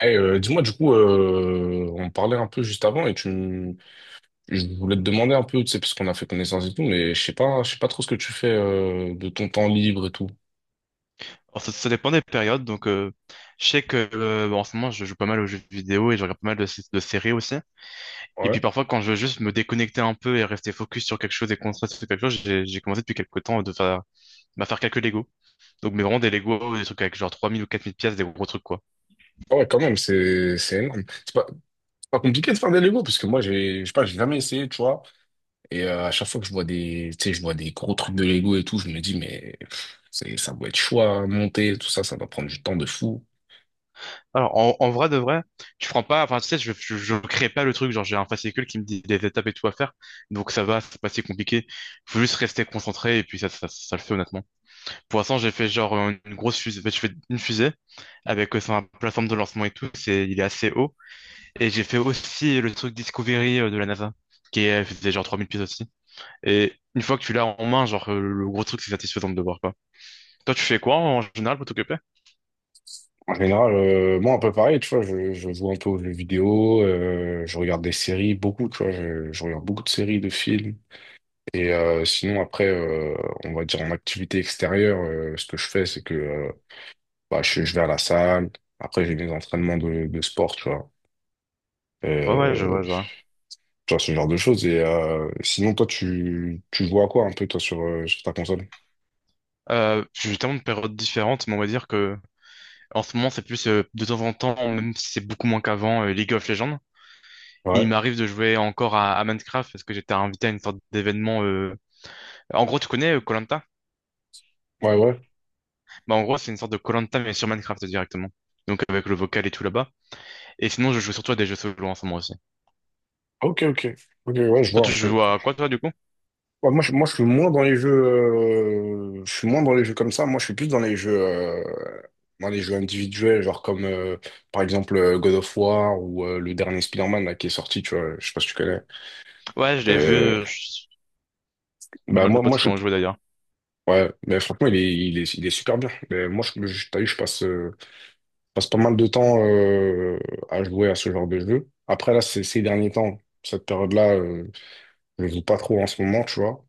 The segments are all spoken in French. Dis-moi, du coup, on parlait un peu juste avant et je voulais te demander un peu, tu sais, parce qu'on a fait connaissance et tout, mais je sais pas trop ce que tu fais de ton temps libre et tout. Alors, ça dépend des périodes. Donc, je sais que en ce moment, je joue pas mal aux jeux vidéo et je regarde pas mal de séries aussi. Et puis Ouais. parfois, quand je veux juste me déconnecter un peu et rester focus sur quelque chose et concentrer sur quelque chose, j'ai commencé depuis quelques temps de faire, bah, faire quelques Lego. Donc, mais vraiment des Lego, des trucs avec genre 3000 ou 4000 pièces, des gros trucs, quoi. Ah ouais, quand même, c'est énorme. C'est pas compliqué de faire des Lego parce que moi, j'ai, je sais pas, j'ai jamais essayé, tu vois. Et à chaque fois que je vois des, tu sais, je vois des gros trucs de Lego et tout, je me dis, mais pff, c'est, ça doit être chaud à monter, tout ça, ça doit prendre du temps de fou. Alors, en, en vrai de vrai, je prends pas, enfin, tu sais, je crée pas le truc, genre, j'ai un fascicule qui me dit des étapes et tout à faire, donc ça va, c'est pas si compliqué. Faut juste rester concentré et puis ça le fait honnêtement. Pour l'instant, j'ai fait genre une grosse fusée, ben, je fais une fusée avec sa plateforme de lancement et tout, c'est, il est assez haut. Et j'ai fait aussi le truc Discovery de la NASA, qui est, faisait genre 3000 pieds aussi. Et une fois que tu l'as en main, genre, le gros truc, c'est satisfaisant de le voir, quoi. Toi, tu fais quoi en général pour t'occuper? En général, moi, un peu pareil, tu vois, je joue un peu aux jeux vidéo, je regarde des séries, beaucoup, tu vois, je regarde beaucoup de séries, de films. Et sinon, après, on va dire en activité extérieure, ce que je fais, c'est que bah, je vais à la salle, après j'ai mes entraînements de sport, tu vois. Ouais, ouais, je Euh, vois, je vois. Tu vois, ce genre de choses. Et sinon, toi, tu joues à quoi un peu, toi, sur, sur ta console? J'ai tellement de périodes différentes, mais on va dire que en ce moment c'est plus de temps en temps, même si c'est beaucoup moins qu'avant, League of Legends. Il Ouais, m'arrive de jouer encore à Minecraft parce que j'étais invité à une sorte d'événement. En gros, tu connais koh. ouais, ouais. Bah, en gros, c'est une sorte de koh mais sur Minecraft directement. Donc avec le vocal et tout là-bas. Et sinon, je joue surtout à des jeux solo en ce moment aussi. Ok, ok. Ok, ouais, je Toi, vois tu un peu. joues à quoi toi du coup? Ouais, moi, moi, je suis moins dans les jeux, je suis moins dans les jeux comme ça. Moi, je suis plus dans les jeux individuels, genre comme par exemple God of War ou le dernier Spider-Man là, qui est sorti. Tu vois, je sais pas si tu connais. Ouais, je l'ai vu. Euh, J'ai pas bah mal de moi, potes qui ont joué d'ailleurs. ouais, mais franchement, il est super bien. Mais moi, t'as vu, je passe pas mal de temps à jouer à ce genre de jeu. Après là, ces derniers temps, cette période-là, je joue pas trop en ce moment, tu vois.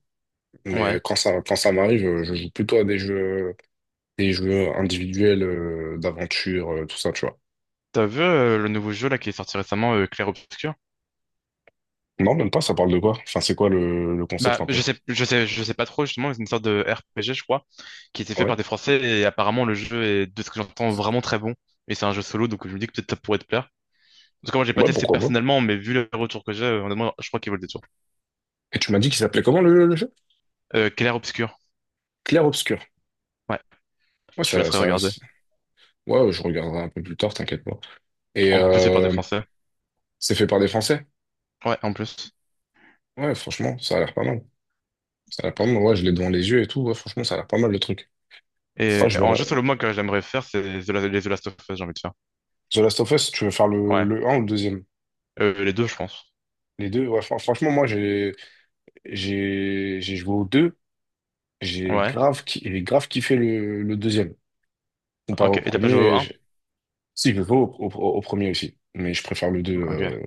Mais Ouais. Quand ça m'arrive, je joue plutôt à des jeux. Des jeux individuels d'aventure, tout ça, tu vois. T'as vu le nouveau jeu là qui est sorti récemment, Clair Obscur? Non, même pas, ça parle de quoi? Enfin, c'est quoi le concept Bah, un peu? je sais pas trop, justement, c'est une sorte de RPG, je crois, qui était fait Ouais. par des Français, et apparemment, le jeu est, de ce que j'entends, vraiment très bon. Et c'est un jeu solo, donc je me dis que peut-être ça pourrait te plaire. En tout cas, moi, j'ai pas Ouais, testé pourquoi pas? personnellement, mais vu les retours que j'ai, honnêtement, je crois qu'ils veulent des tours. Et tu m'as dit qu'il s'appelait comment le jeu? Clair Obscur. Clair Obscur. Ouais, Ouais, je laisserai regarder. Ouais, je regarderai un peu plus tard, t'inquiète pas. Et En plus, c'est par des Français. c'est fait par des Français? Ouais, en plus. Ouais, franchement, ça a l'air pas mal. Ça a l'air pas mal, ouais, je l'ai devant les yeux et tout, ouais, franchement, ça a l'air pas mal le truc. Ouais, Et en jeu solo, moi, que j'aimerais faire, c'est les The Last of Us, j'ai envie de faire. The Last of Us, tu veux faire Ouais. le un ou le deuxième? Les deux, je pense. Les deux, ouais, franchement, moi, j'ai joué aux deux. Ouais. J'ai grave kiffé le deuxième. Comparé Ok. au Et t'as pas joué au premier, un. Si je veux au premier aussi, mais je préfère le deux. Ok.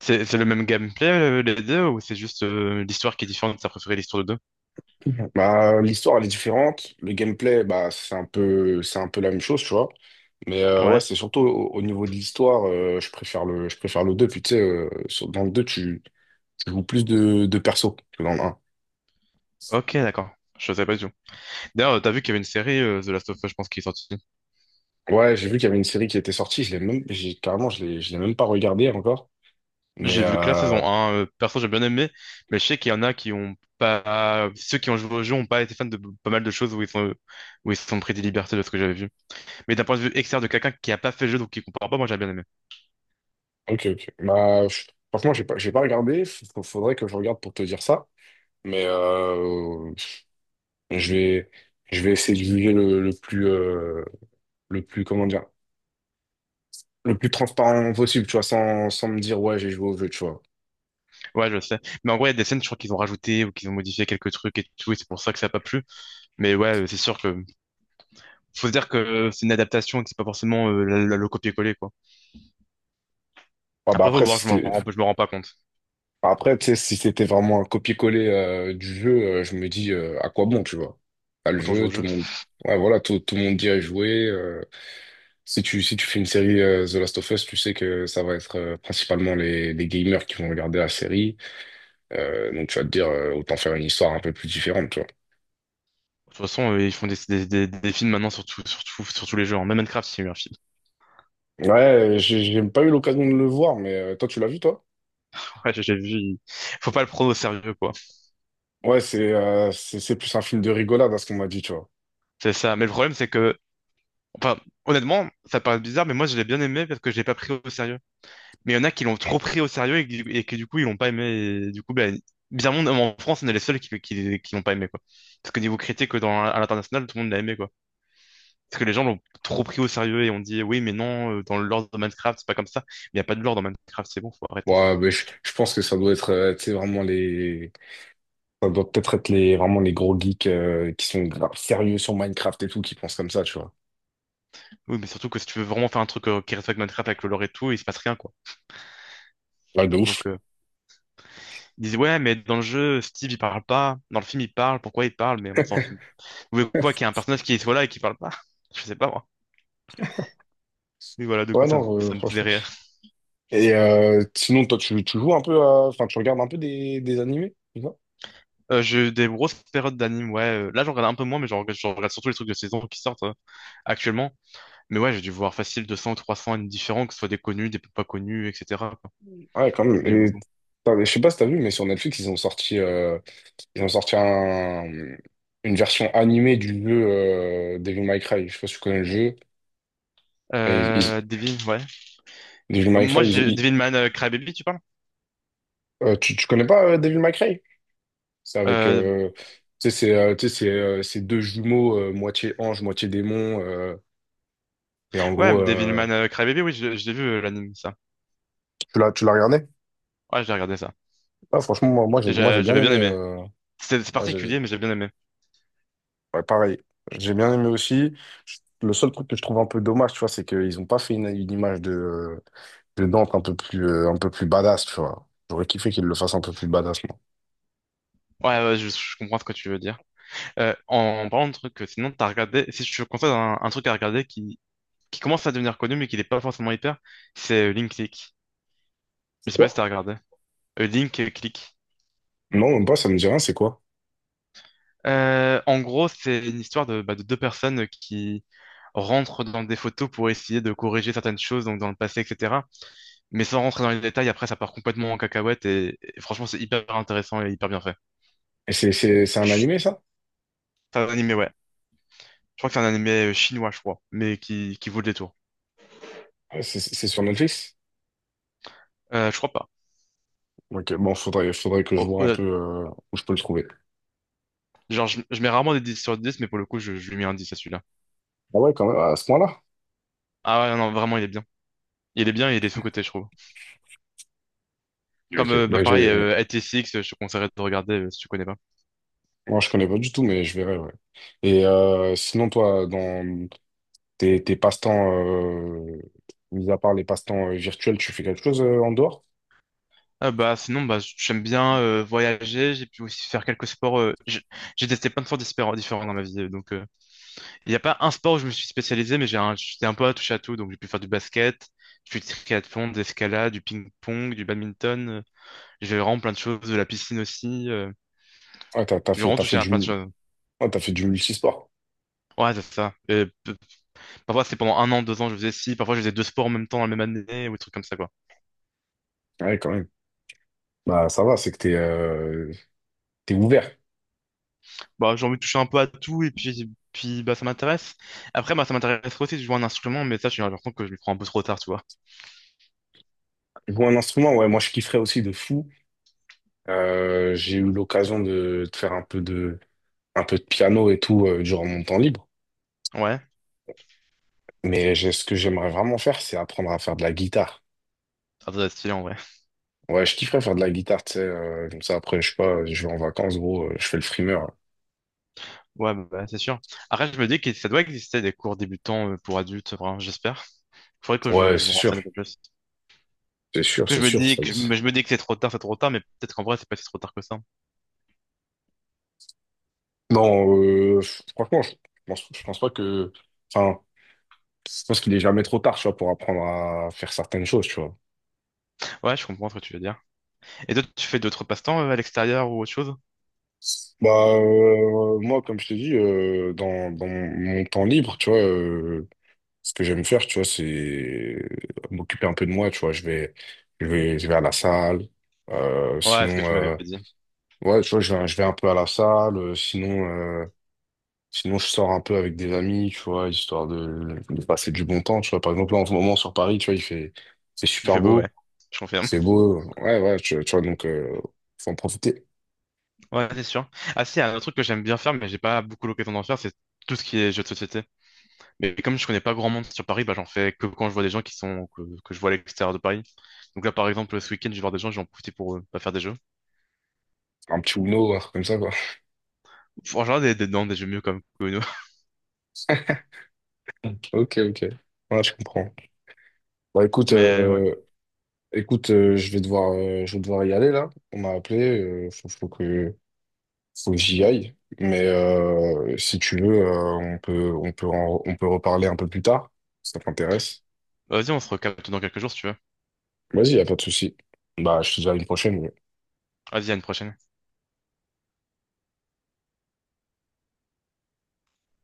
C'est le même gameplay, les deux, ou c'est juste l'histoire qui est différente, t'as préféré l'histoire de. Mhm. Bah, l'histoire, elle est différente. Le gameplay, bah, c'est un peu la même chose, tu vois. Mais ouais, Ouais. c'est surtout au niveau de l'histoire, je préfère le deux. Puis tu sais, dans le 2 tu joues plus de persos que dans le 1. Ok, d'accord. Je savais pas du tout. D'ailleurs, t'as vu qu'il y avait une série The Last of Us, je pense, qui est sortie. Ouais, j'ai vu qu'il y avait une série qui était sortie, je l'ai même, j'ai, carrément, je l'ai même pas regardée encore. Mais J'ai vu que la saison un, perso, j'ai bien aimé, mais je sais qu'il y en a qui ont pas. Ceux qui ont joué au jeu ont pas été fans de pas mal de choses où ils se sont pris des libertés de ce que j'avais vu. Mais d'un point de vue externe de quelqu'un qui a pas fait le jeu donc qui comprend pas, moi j'ai bien aimé. Ok, ok. Bah, franchement, j'ai pas regardé. Faudrait que je regarde pour te dire ça. Mais je vais, je vais essayer de juger le plus, comment dire, le plus transparent possible, tu vois, sans me dire, ouais, j'ai joué au jeu, tu vois. Ouais, je sais. Mais en gros, il y a des scènes, je crois qu'ils ont rajouté ou qu'ils ont modifié quelques trucs et tout, et c'est pour ça que ça a pas plu. Mais ouais, c'est sûr que faut se dire que c'est une adaptation et que c'est pas forcément le copier-coller quoi. Ah bah Après faut après, si voir, je me c'était, rends, je me rends pas compte. bah, après, tu sais, si c'était vraiment un copier-coller du jeu, je me dis, à quoi bon, tu vois. T'as le Autant jouer jeu, au tout jeu. le monde, ouais, voilà, tout le monde dit à jouer. Si si tu fais une série The Last of Us, tu sais que ça va être principalement les gamers qui vont regarder la série. Donc tu vas te dire, autant faire une histoire un peu plus différente, tu vois. De toute façon, ils font des films maintenant sur tous les jeux, hein. Même Minecraft, il y a eu un film. Ouais, j'ai pas eu l'occasion de le voir, mais toi, tu l'as vu, toi? Ouais, j'ai vu. Faut pas le prendre au sérieux quoi. Ouais, c'est plus un film de rigolade à ce qu'on m'a dit, tu vois. C'est ça. Mais le problème c'est que, enfin, honnêtement, ça paraît bizarre, mais moi je l'ai bien aimé parce que je l'ai pas pris au sérieux. Mais il y en a qui l'ont trop pris au sérieux et, qui et que du coup ils l'ont pas aimé. Et du coup, ben, bizarrement, en France, on est les seuls qui l'ont pas aimé quoi. Parce que niveau critique dans à l'international, tout le monde l'a aimé quoi. Parce que les gens l'ont trop pris au sérieux et ont dit oui, mais non, dans le lore de Minecraft, c'est pas comme ça. Il n'y a pas de lore dans Minecraft, c'est bon, faut arrêter. Ouais, mais je pense que ça doit être, tu sais, vraiment les. Ça doit peut-être être les, vraiment les gros geeks qui sont grave sérieux sur Minecraft et tout, qui pensent comme ça, tu vois. Oui, mais surtout que si tu veux vraiment faire un truc qui respecte Minecraft avec le lore et tout, il se passe rien, quoi. Ouais, de ouf. Donc, ils disent ouais, mais dans le jeu, Steve, il parle pas. Dans le film, il parle. Pourquoi il parle? Mais on s'en fout. Vous voulez quoi, qu'il y ait un personnage qui soit là et qui parle pas? Je sais pas, moi. Oui, voilà, du Ouais, coup, ça me, non, ça me faisait franchement. rire. Et sinon, toi, tu joues un peu à- enfin, tu regardes un peu des animés, tu vois. J'ai eu des grosses périodes d'anime, ouais. Là, j'en regarde un peu moins, mais j'en regarde surtout les trucs de saison qui sortent actuellement. Mais ouais, j'ai dû voir facile 200 ou 300 animes différents, que ce soit des connus, des peu pas connus, etc. quoi. Ah ouais, quand même. J'en ai Et, beaucoup. putain, mais je sais pas si t'as vu, mais sur Netflix, ils ont sorti une version animée du jeu Devil May Cry. Je sais pas si tu connais le jeu, mais Devin, ouais. Devil Bah, May Cry, moi, j'ai Devilman Crybaby, tu parles? Tu connais pas Devil May Cry? C'est avec... Euh, tu sais, c'est deux jumeaux, moitié ange, moitié démon. Et en ouais, gros, Devilman Crybaby, oui, je l'ai vu l'anime, ça. Tu l'as regardé? Ouais, j'ai regardé ça. Ah, franchement, moi, j'ai bien J'avais bien aimé... aimé. euh, C'est particulier, mais j'ai bien aimé. Ouais, pareil. J'ai bien aimé aussi. Le seul truc que je trouve un peu dommage, tu vois, c'est qu'ils n'ont pas fait une image de Dante un peu plus badass, tu vois. J'aurais kiffé qu'ils le fassent un peu plus badass, moi. Ouais, ouais, je comprends ce que tu veux dire. En parlant de trucs que sinon t'as regardé, si je te conseille un truc à regarder qui, commence à devenir connu mais qui n'est pas forcément hyper, c'est Link League. C'est Je sais pas si quoi? t'as regardé. Link Click. Non, même pas, ça me dit rien, c'est quoi? En gros, c'est une histoire bah, de deux personnes qui rentrent dans des photos pour essayer de corriger certaines choses, donc dans le passé, etc. Mais sans rentrer dans les détails, après, ça part complètement en cacahuète et franchement, c'est hyper intéressant et hyper bien fait. Et c'est un Chut. animé, ça? C'est un animé, ouais. Je crois que c'est un animé chinois, je crois, mais qui vaut le détour. Ouais, c'est sur Netflix? Je crois pas. Ok, bon, faudrait que je Oh, vois oh, un peu où je peux le trouver. genre, je mets rarement des 10 sur 10, mais pour le coup, je lui mets un 10 à celui-là. Ah ouais, quand même, à ce point-là? Ah ouais, non, vraiment, il est bien. Il est bien et il est sous-coté, je trouve. Ok, Comme ok. Bah, Bah, pareil, ATCX, je te conseillerais de regarder si tu connais pas. Moi, je connais pas du tout, mais je verrai, ouais. Et sinon, toi, dans tes passe-temps, mis à part les passe-temps virtuels, tu fais quelque chose en dehors? Ah bah sinon bah j'aime bien voyager, j'ai pu aussi faire quelques sports. J'ai testé plein de sports différents dans ma vie, donc il n'y a pas un sport où je me suis spécialisé, mais j'étais un peu à touche à tout, donc j'ai pu faire du basket, j'ai fait du triathlon, de l'escalade, du ping-pong, du badminton, j'ai fait vraiment plein de choses, de la piscine aussi. Ouais, t'as, J'ai vraiment t'as touché fait à du, plein de mul- choses. ouais, t'as fait du multisport. Ouais, c'est ça. Et parfois, c'est pendant 1 an, 2 ans, je faisais ci. Parfois, je faisais deux sports en même temps dans la même année ou des trucs comme ça, quoi. Ouais, quand même. Bah, ça va, c'est que t'es ouvert. Bah, j'ai envie de toucher un peu à tout et puis, bah, ça m'intéresse. Après, bah, ça m'intéresse aussi de jouer un instrument, mais ça, j'ai l'impression que je le prends un peu trop tard, tu vois. Jouer un instrument, ouais, moi, je kifferais aussi de fou. J'ai eu l'occasion de faire un peu de, piano et tout, durant mon temps libre. Ouais, Mais ce que j'aimerais vraiment faire, c'est apprendre à faire de la guitare. ça doit être stylé en vrai. Ouais, je kifferais faire de la guitare, tu sais, comme ça, après, je sais pas, je vais en vacances, gros, je fais le frimeur. Ouais, bah, bah, c'est sûr. Après, je me dis que ça doit exister des cours débutants pour adultes, vraiment, j'espère. Faudrait que je, Ouais, je me c'est sûr, renseigne un peu plus. c'est sûr, Parce c'est que sûr. Je me dis que c'est trop tard, mais peut-être qu'en vrai, c'est pas si trop tard que ça. Non, franchement, je pense pas Enfin, je pense qu'il est jamais trop tard, tu vois, pour apprendre à faire certaines choses, tu vois. Ouais, je comprends ce que tu veux dire. Et toi, tu fais d'autres passe-temps à l'extérieur ou autre chose? Bah, moi, comme je t'ai dit, dans mon temps libre, tu vois, ce que j'aime faire, tu vois, c'est m'occuper un peu de moi, tu vois. Je vais à la salle. Euh, Ouais, ce que sinon, tu m'avais euh, dit. ouais, tu vois, je vais un peu à la salle. Sinon, je sors un peu avec des amis, tu vois, histoire de passer du bon temps, tu vois. Par exemple, là, en ce moment, sur Paris, tu vois, il fait, c'est Il super fait beau, ouais. beau, Je confirme. c'est beau. Ouais, ouais, tu vois, donc, faut en profiter. Ouais, c'est sûr. Ah si, un autre truc que j'aime bien faire, mais j'ai pas beaucoup l'occasion d'en faire, c'est tout ce qui est jeux de société. Mais comme je connais pas grand monde sur Paris, bah j'en fais que quand je vois des gens que je vois à l'extérieur de Paris. Donc là, par exemple, ce week-end, je vais voir des gens, j'en profite pour bah, faire des jeux. Un petit Uno, un truc comme ça, quoi. Faut En général, des, non, des jeux mieux comme que nous. Ok, ok. Ouais, je comprends. Bah écoute, Mais ouais. Je vais devoir y aller là. On m'a appelé, faut que j'y aille. Mais si tu veux, on peut reparler un peu plus tard, si ça t'intéresse. Vas-y, on se recapte dans quelques jours si tu veux. Vas-y, y a pas de souci. Bah, je te dis à une prochaine. Ouais. Vas-y, à une prochaine.